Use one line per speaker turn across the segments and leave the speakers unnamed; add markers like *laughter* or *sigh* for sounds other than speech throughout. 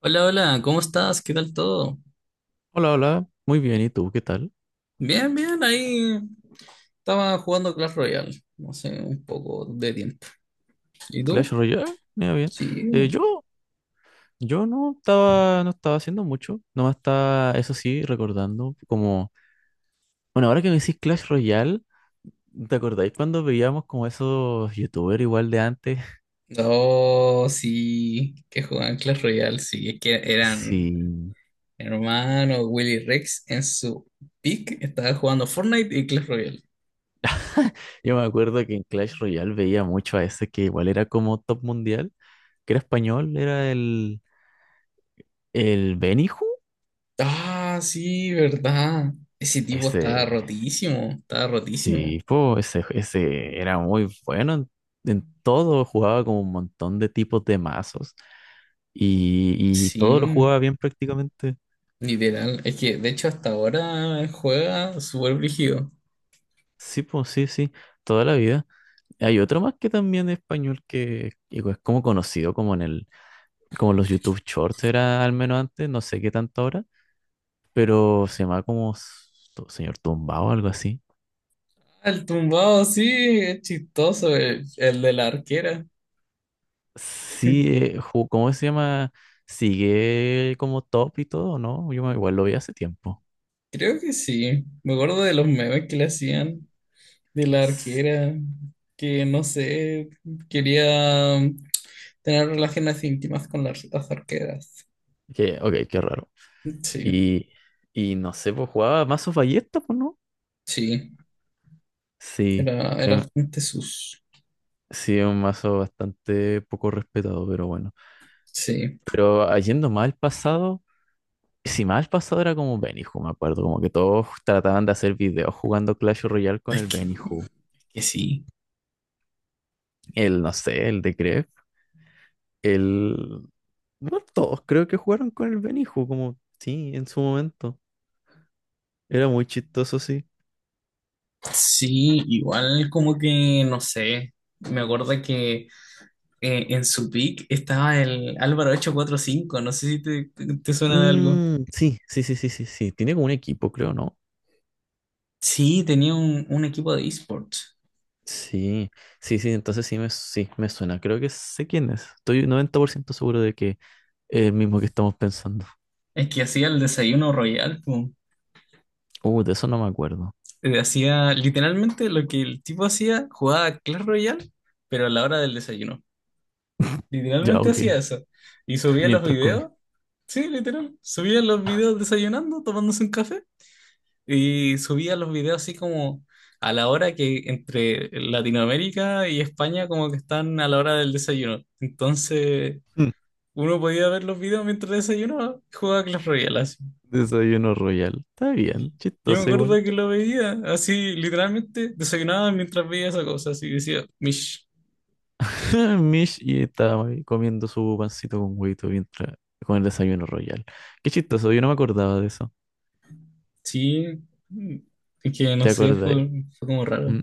Hola, hola, ¿cómo estás? ¿Qué tal todo?
Hola, hola, muy bien, ¿y tú qué tal?
Bien, bien, ahí estaba jugando Clash Royale, no sé, un poco de tiempo. ¿Y
Clash
tú?
Royale, mira bien.
Sí.
Eh, yo, yo no estaba haciendo mucho, nomás estaba, eso sí, recordando como, bueno, ahora que me decís Clash Royale, ¿te acordáis cuando veíamos como esos youtubers igual de antes?
Oh, sí, que jugaban Clash Royale, sí, es que eran
*laughs* Sí,
hermano Willy Rex en su pick, estaba jugando Fortnite y Clash Royale.
yo me acuerdo que en Clash Royale veía mucho a ese que igual era como top mundial, que era español, era el Beniju.
Ah, sí, verdad. Ese tipo estaba
ese,
rotísimo, estaba rotísimo.
Sí, pues ese era muy bueno en, todo. Jugaba como un montón de tipos de mazos y todo lo jugaba
Sí,
bien prácticamente.
literal. Es que de hecho hasta ahora juega súper brígido.
Sí, pues sí, sí, toda la vida. Hay otro más que también es español que es como conocido como como los YouTube Shorts, era al menos antes, no sé qué tanto ahora, pero se llama como Señor Tumbao o algo así.
El tumbado, sí, es chistoso, el de la arquera.
Sí, ¿cómo se llama? Sigue como top y todo, ¿no? Yo igual lo vi hace tiempo.
Creo que sí. Me acuerdo de los memes que le hacían de la
S-
arquera, que no sé, quería tener relaciones íntimas con las arqueras.
Que, ok, qué raro.
Sí,
Y, y no sé, pues jugaba mazos ballesta, pues no.
sí,
Sí,
era, era
em,
bastante sus.
sí, es un mazo bastante poco respetado, pero bueno.
Sí,
Pero yendo más al pasado, si más al pasado era como Benihú, me acuerdo, como que todos trataban de hacer videos jugando Clash Royale con
es
el Benihú.
que sí.
No sé, el de Grefg, el... no todos creo que jugaron con el Benihú, como sí, en su momento. Era muy chistoso, sí.
Sí, igual como que, no sé, me acuerdo que en su pick estaba el Álvaro 845, no sé si te, te suena de algo.
Mm, sí, sí, sí, sí, sí, sí. Tiene como un equipo, creo, ¿no?
Sí, tenía un equipo de esports.
Sí, sí, sí, entonces sí, me suena. Creo que sé quién es. Estoy 90% seguro de que es el mismo que estamos pensando.
Es que hacía el desayuno royal, po.
De eso no me acuerdo.
Hacía literalmente lo que el tipo hacía, jugaba Clash Royale, pero a la hora del desayuno.
Ya,
Literalmente
ok.
hacía eso. Y
*laughs*
subía los
Mientras comía.
videos. Sí, literal. Subía los videos desayunando, tomándose un café. Y subía los videos así como a la hora que entre Latinoamérica y España como que están a la hora del desayuno. Entonces,
Mm,
uno podía ver los videos mientras desayunaba y jugaba Clash Royale así.
desayuno royal. Está
Y-
bien,
Yo me
chistoso
acuerdo
igual.
que lo veía, así literalmente desayunaba mientras veía esa cosa, así decía, Mish,
*laughs* Mish y estaba ahí comiendo su pancito con huevito mientras con el desayuno royal. Qué chistoso, yo no me acordaba de eso.
sí, mm, es que no
¿Te
sé,
acordáis?
fue como raro.
Mm,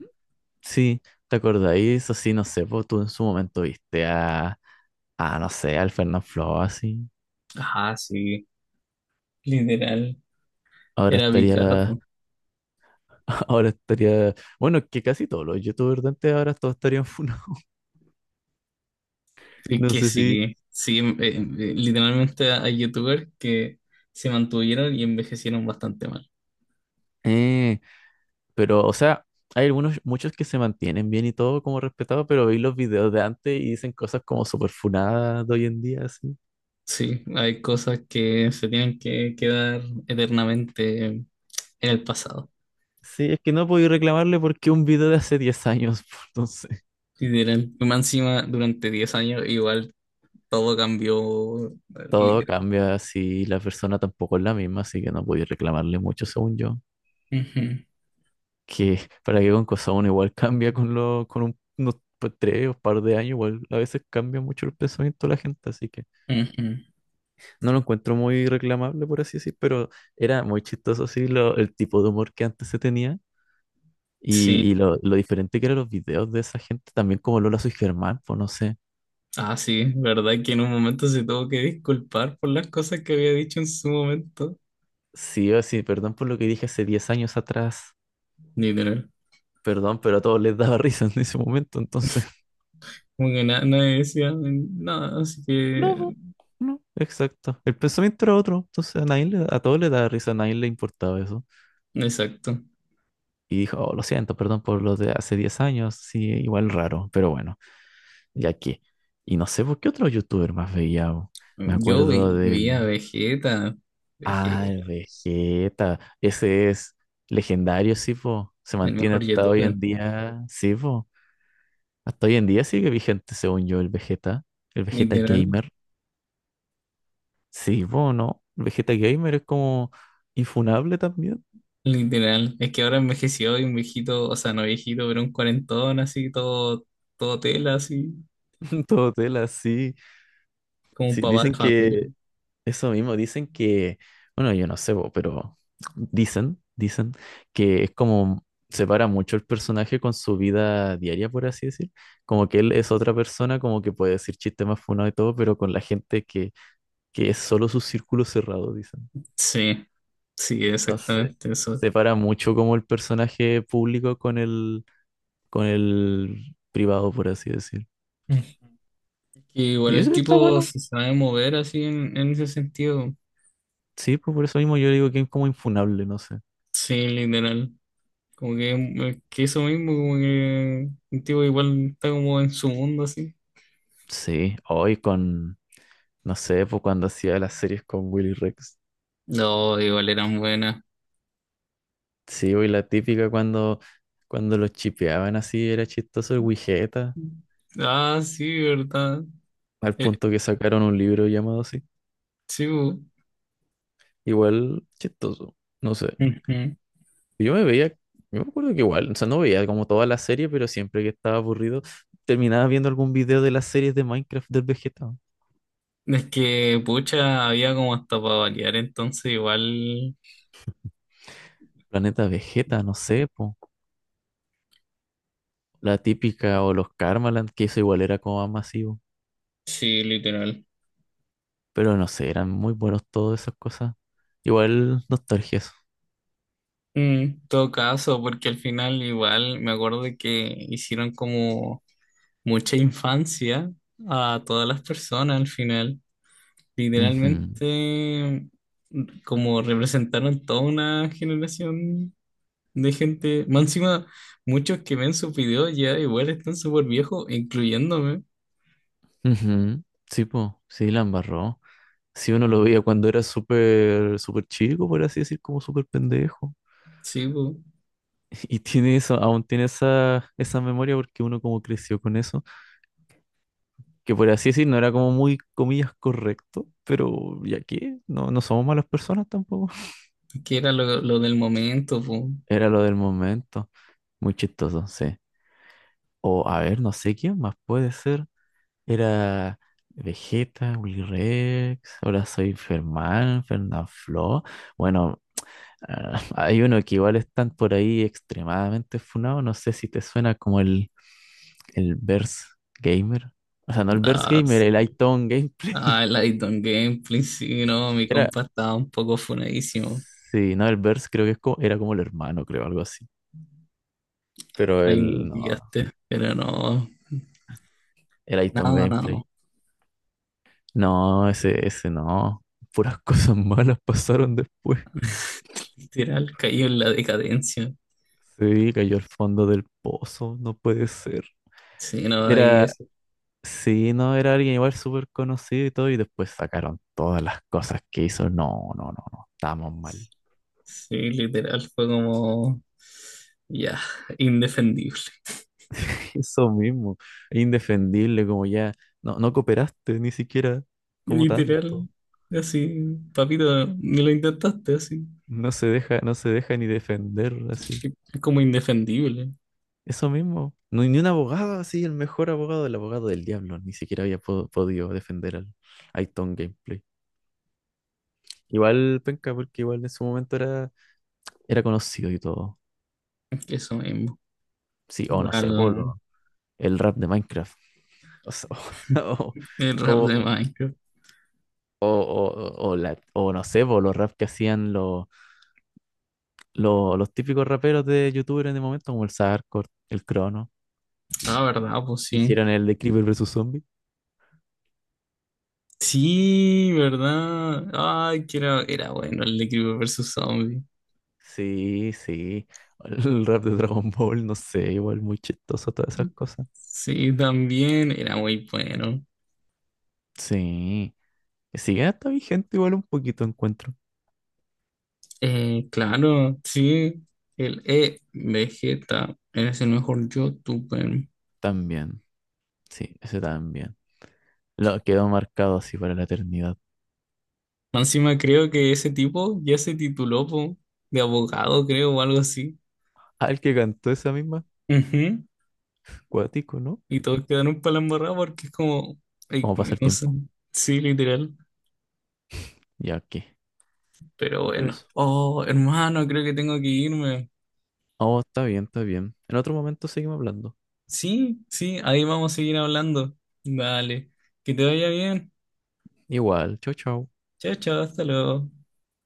sí, ¿te acordáis? Eso sí, no sé, pues tú en su momento viste a no sé, al Fernán Flo así.
Ajá, sí, literal,
Ahora
era
estaría.
Bicardo.
*laughs* Ahora estaría. Bueno, que casi todos los youtubers de antes ahora todos estarían funados. *laughs*
Es
No
que
sé si.
sí, sí, literalmente hay youtubers que se mantuvieron y envejecieron bastante mal.
Eh, pero, o sea, hay algunos, muchos que se mantienen bien y todo como respetados, pero veis los videos de antes y dicen cosas como súper funadas de hoy en día, así.
Sí, hay cosas que se tienen que quedar eternamente en el pasado.
Sí, es que no podía reclamarle porque un video de hace 10 años, *laughs* pues, entonces.
Literal. Y más encima durante 10 años igual todo cambió,
Todo
literal.
cambia si la persona tampoco es la misma, así que no podía reclamarle mucho, según yo.
Ujú,
Que para que con cosa uno igual cambia con lo con unos pues, 3 o par de años, igual a veces cambia mucho el pensamiento de la gente, así que
ujú.
no lo encuentro muy reclamable, por así decir, pero era muy chistoso así lo, el tipo de humor que antes se tenía
Sí,
y lo diferente que eran los videos de esa gente, también como Lola Soy Germán, pues no sé.
ah, sí, verdad que en un momento se tuvo que disculpar por las cosas que había dicho en su momento.
Sí, o sí, perdón por lo que dije hace 10 años atrás,
Literal.
perdón, pero a todos les daba *laughs* risa en ese momento, entonces.
Como que nadie decía nada, así que.
No, po, no, exacto. El pensamiento era otro, entonces a nadie a todos les daba risa, a nadie le importaba eso.
Exacto.
Y dijo, "Oh, lo siento, perdón por lo de hace 10 años, sí, igual raro, pero bueno, ya que". Y no sé por qué otro youtuber más veía. Bo. Me
Yo
acuerdo
vi, vi a
del.
Vegeta,
Ah, el
Vegeta,
Vegeta. Ese es legendario, sí, po. Se
el
mantiene
mejor
hasta hoy
youtuber.
en día, sí, po. Hasta hoy en día sigue vigente, según yo, el Vegeta. El Vegeta
Literal,
Gamer. Sí, po, ¿no? El Vegeta Gamer es como infunable también.
literal. Es que ahora envejeció y un viejito, o sea, no viejito, pero un cuarentón así, todo, todo tela, así,
*laughs* Todo tela, sí.
como un
Sí,
papá de
dicen
familia.
que. Eso mismo, dicen que, bueno, yo no sé, po, pero dicen que es como separa mucho el personaje con su vida diaria, por así decir. Como que él es otra persona, como que puede decir chistes más funados y todo, pero con la gente que es solo su círculo cerrado, dicen.
Sí. Sí,
Entonces,
exactamente eso.
separa mucho como el personaje público con con el privado, por así decir.
Mm. Que igual
Y
el
eso está
tipo
bueno.
se sabe mover así en ese sentido.
Sí, pues por eso mismo yo digo que es como infunable, no sé.
Sí, literal. Como que eso mismo, como que el tipo igual está como en su mundo así.
Sí, hoy con no sé, pues cuando hacía las series con Willy Rex.
No, igual eran buenas.
Sí, pues, y la típica cuando los chipeaban así, era chistoso el Wigeta,
Ah, sí, verdad.
al
Eh,
punto que sacaron un libro llamado así.
sí, bu.
Igual chistoso, no sé.
Ujú.
Yo me acuerdo que igual, o sea, no veía como toda la serie, pero siempre que estaba aburrido, terminaba viendo algún video de las series de Minecraft del Vegeta.
Es que, pucha, había como hasta para variar, entonces igual,
Planeta Vegeta, no sé, po. La típica o los Karmaland, que eso igual era como más masivo.
sí, literal.
Pero no sé, eran muy buenos todas esas cosas. Igual nostalgia eso.
Mm, en todo caso, porque al final igual me acuerdo que hicieron como mucha infancia a todas las personas al final.
Ujú,
Literalmente, como representaron toda una generación de gente. Más encima, muchos que ven sus videos ya igual están súper viejos, incluyéndome.
ujú. Sí, po, sí, la embarró. Sí, uno lo veía cuando era súper, súper chico, por así decir, como súper pendejo.
Sí, po.
*laughs* Y tiene eso, aún tiene esa memoria porque uno como creció con eso, que por así decir no era como muy, comillas, correcto, pero ya que no, no somos malas personas tampoco. *laughs*
Que era lo del momento, po.
Era lo del momento, muy chistoso, sí. O a ver, no sé quién más puede ser. Era Vegeta, Willy Rex, ahora soy Fermán, Fernanfloo. Bueno, *laughs* hay uno que igual están por ahí extremadamente funado. No sé si te suena como el Verse Gamer. O sea, no el Verse
Ah,
Gamer,
s-
el iTown Gameplay. *laughs*
el I Don't Gameplay, sí, no, mi
Era.
compa estaba un poco funadísimo.
Sí, no, el Verse creo que es como, era como el hermano, creo, algo así. Pero
Ay, me
el no,
pillaste, pero no.
el iTown
Nada, nada.
Gameplay. No, ese no. Puras *laughs* cosas malas pasaron después.
*laughs* Literal, cayó en la decadencia.
Sí, cayó al fondo del pozo, no puede ser.
Sí, no, ahí
Era,
eso.
sí, no, era alguien igual súper conocido y todo, y después sacaron todas las cosas que hizo. No, no, no, no, estamos mal.
Sí, literal, fue como, ya, indefendible.
*laughs* Eso mismo, indefendible, como ya, no, no cooperaste ni siquiera como tanto.
Literal, así, papito, ni lo intentaste, así.
No se deja, no se deja ni defender así.
Es como indefendible,
Eso mismo, no, ni un abogado así, el mejor abogado, el abogado del diablo, ni siquiera había podido defender al Aiton Gameplay. Igual penca, porque igual en su momento era conocido y todo.
eso mismo.
Sí, o no sé, por
Igual,
el rap de Minecraft. O sea, *laughs* o,
el rap de
o,
Minecraft.
o no sé, por los rap que hacían los, los típicos raperos de YouTuber en el momento, como el Sarkor, el Crono.
Ah, verdad, pues sí.
Hicieron el de Creeper versus Zombie.
Sí, verdad. Ay, que era, era bueno el de Creeper versus Zombie.
Sí, sí. El rap de Dragon Ball, no sé, igual muy chistoso, todas esas cosas.
Sí, también era muy bueno.
Sí. Sigue hasta vigente, igual un poquito encuentro.
Claro, sí, el E Vegeta es el mejor youtuber.
También. Sí, ese también. Lo quedó marcado así para la eternidad.
Más encima creo que ese tipo ya se tituló po, de abogado, creo, o algo así.
Ah, el que cantó esa misma,
Ujú.
cuático, ¿no?
Y todos quedaron para la embarrada porque es como, ay,
¿Cómo pasa el
no sé,
tiempo?
sí, literal.
Ya, ¿qué?
Pero
Pero
bueno.
eso.
Oh, hermano, creo que tengo que irme.
Oh, está bien, está bien. En otro momento seguimos hablando.
Sí, sí, ahí vamos a seguir hablando. Vale, que te vaya bien.
Igual, chau, chau.
Chao, chao, hasta luego.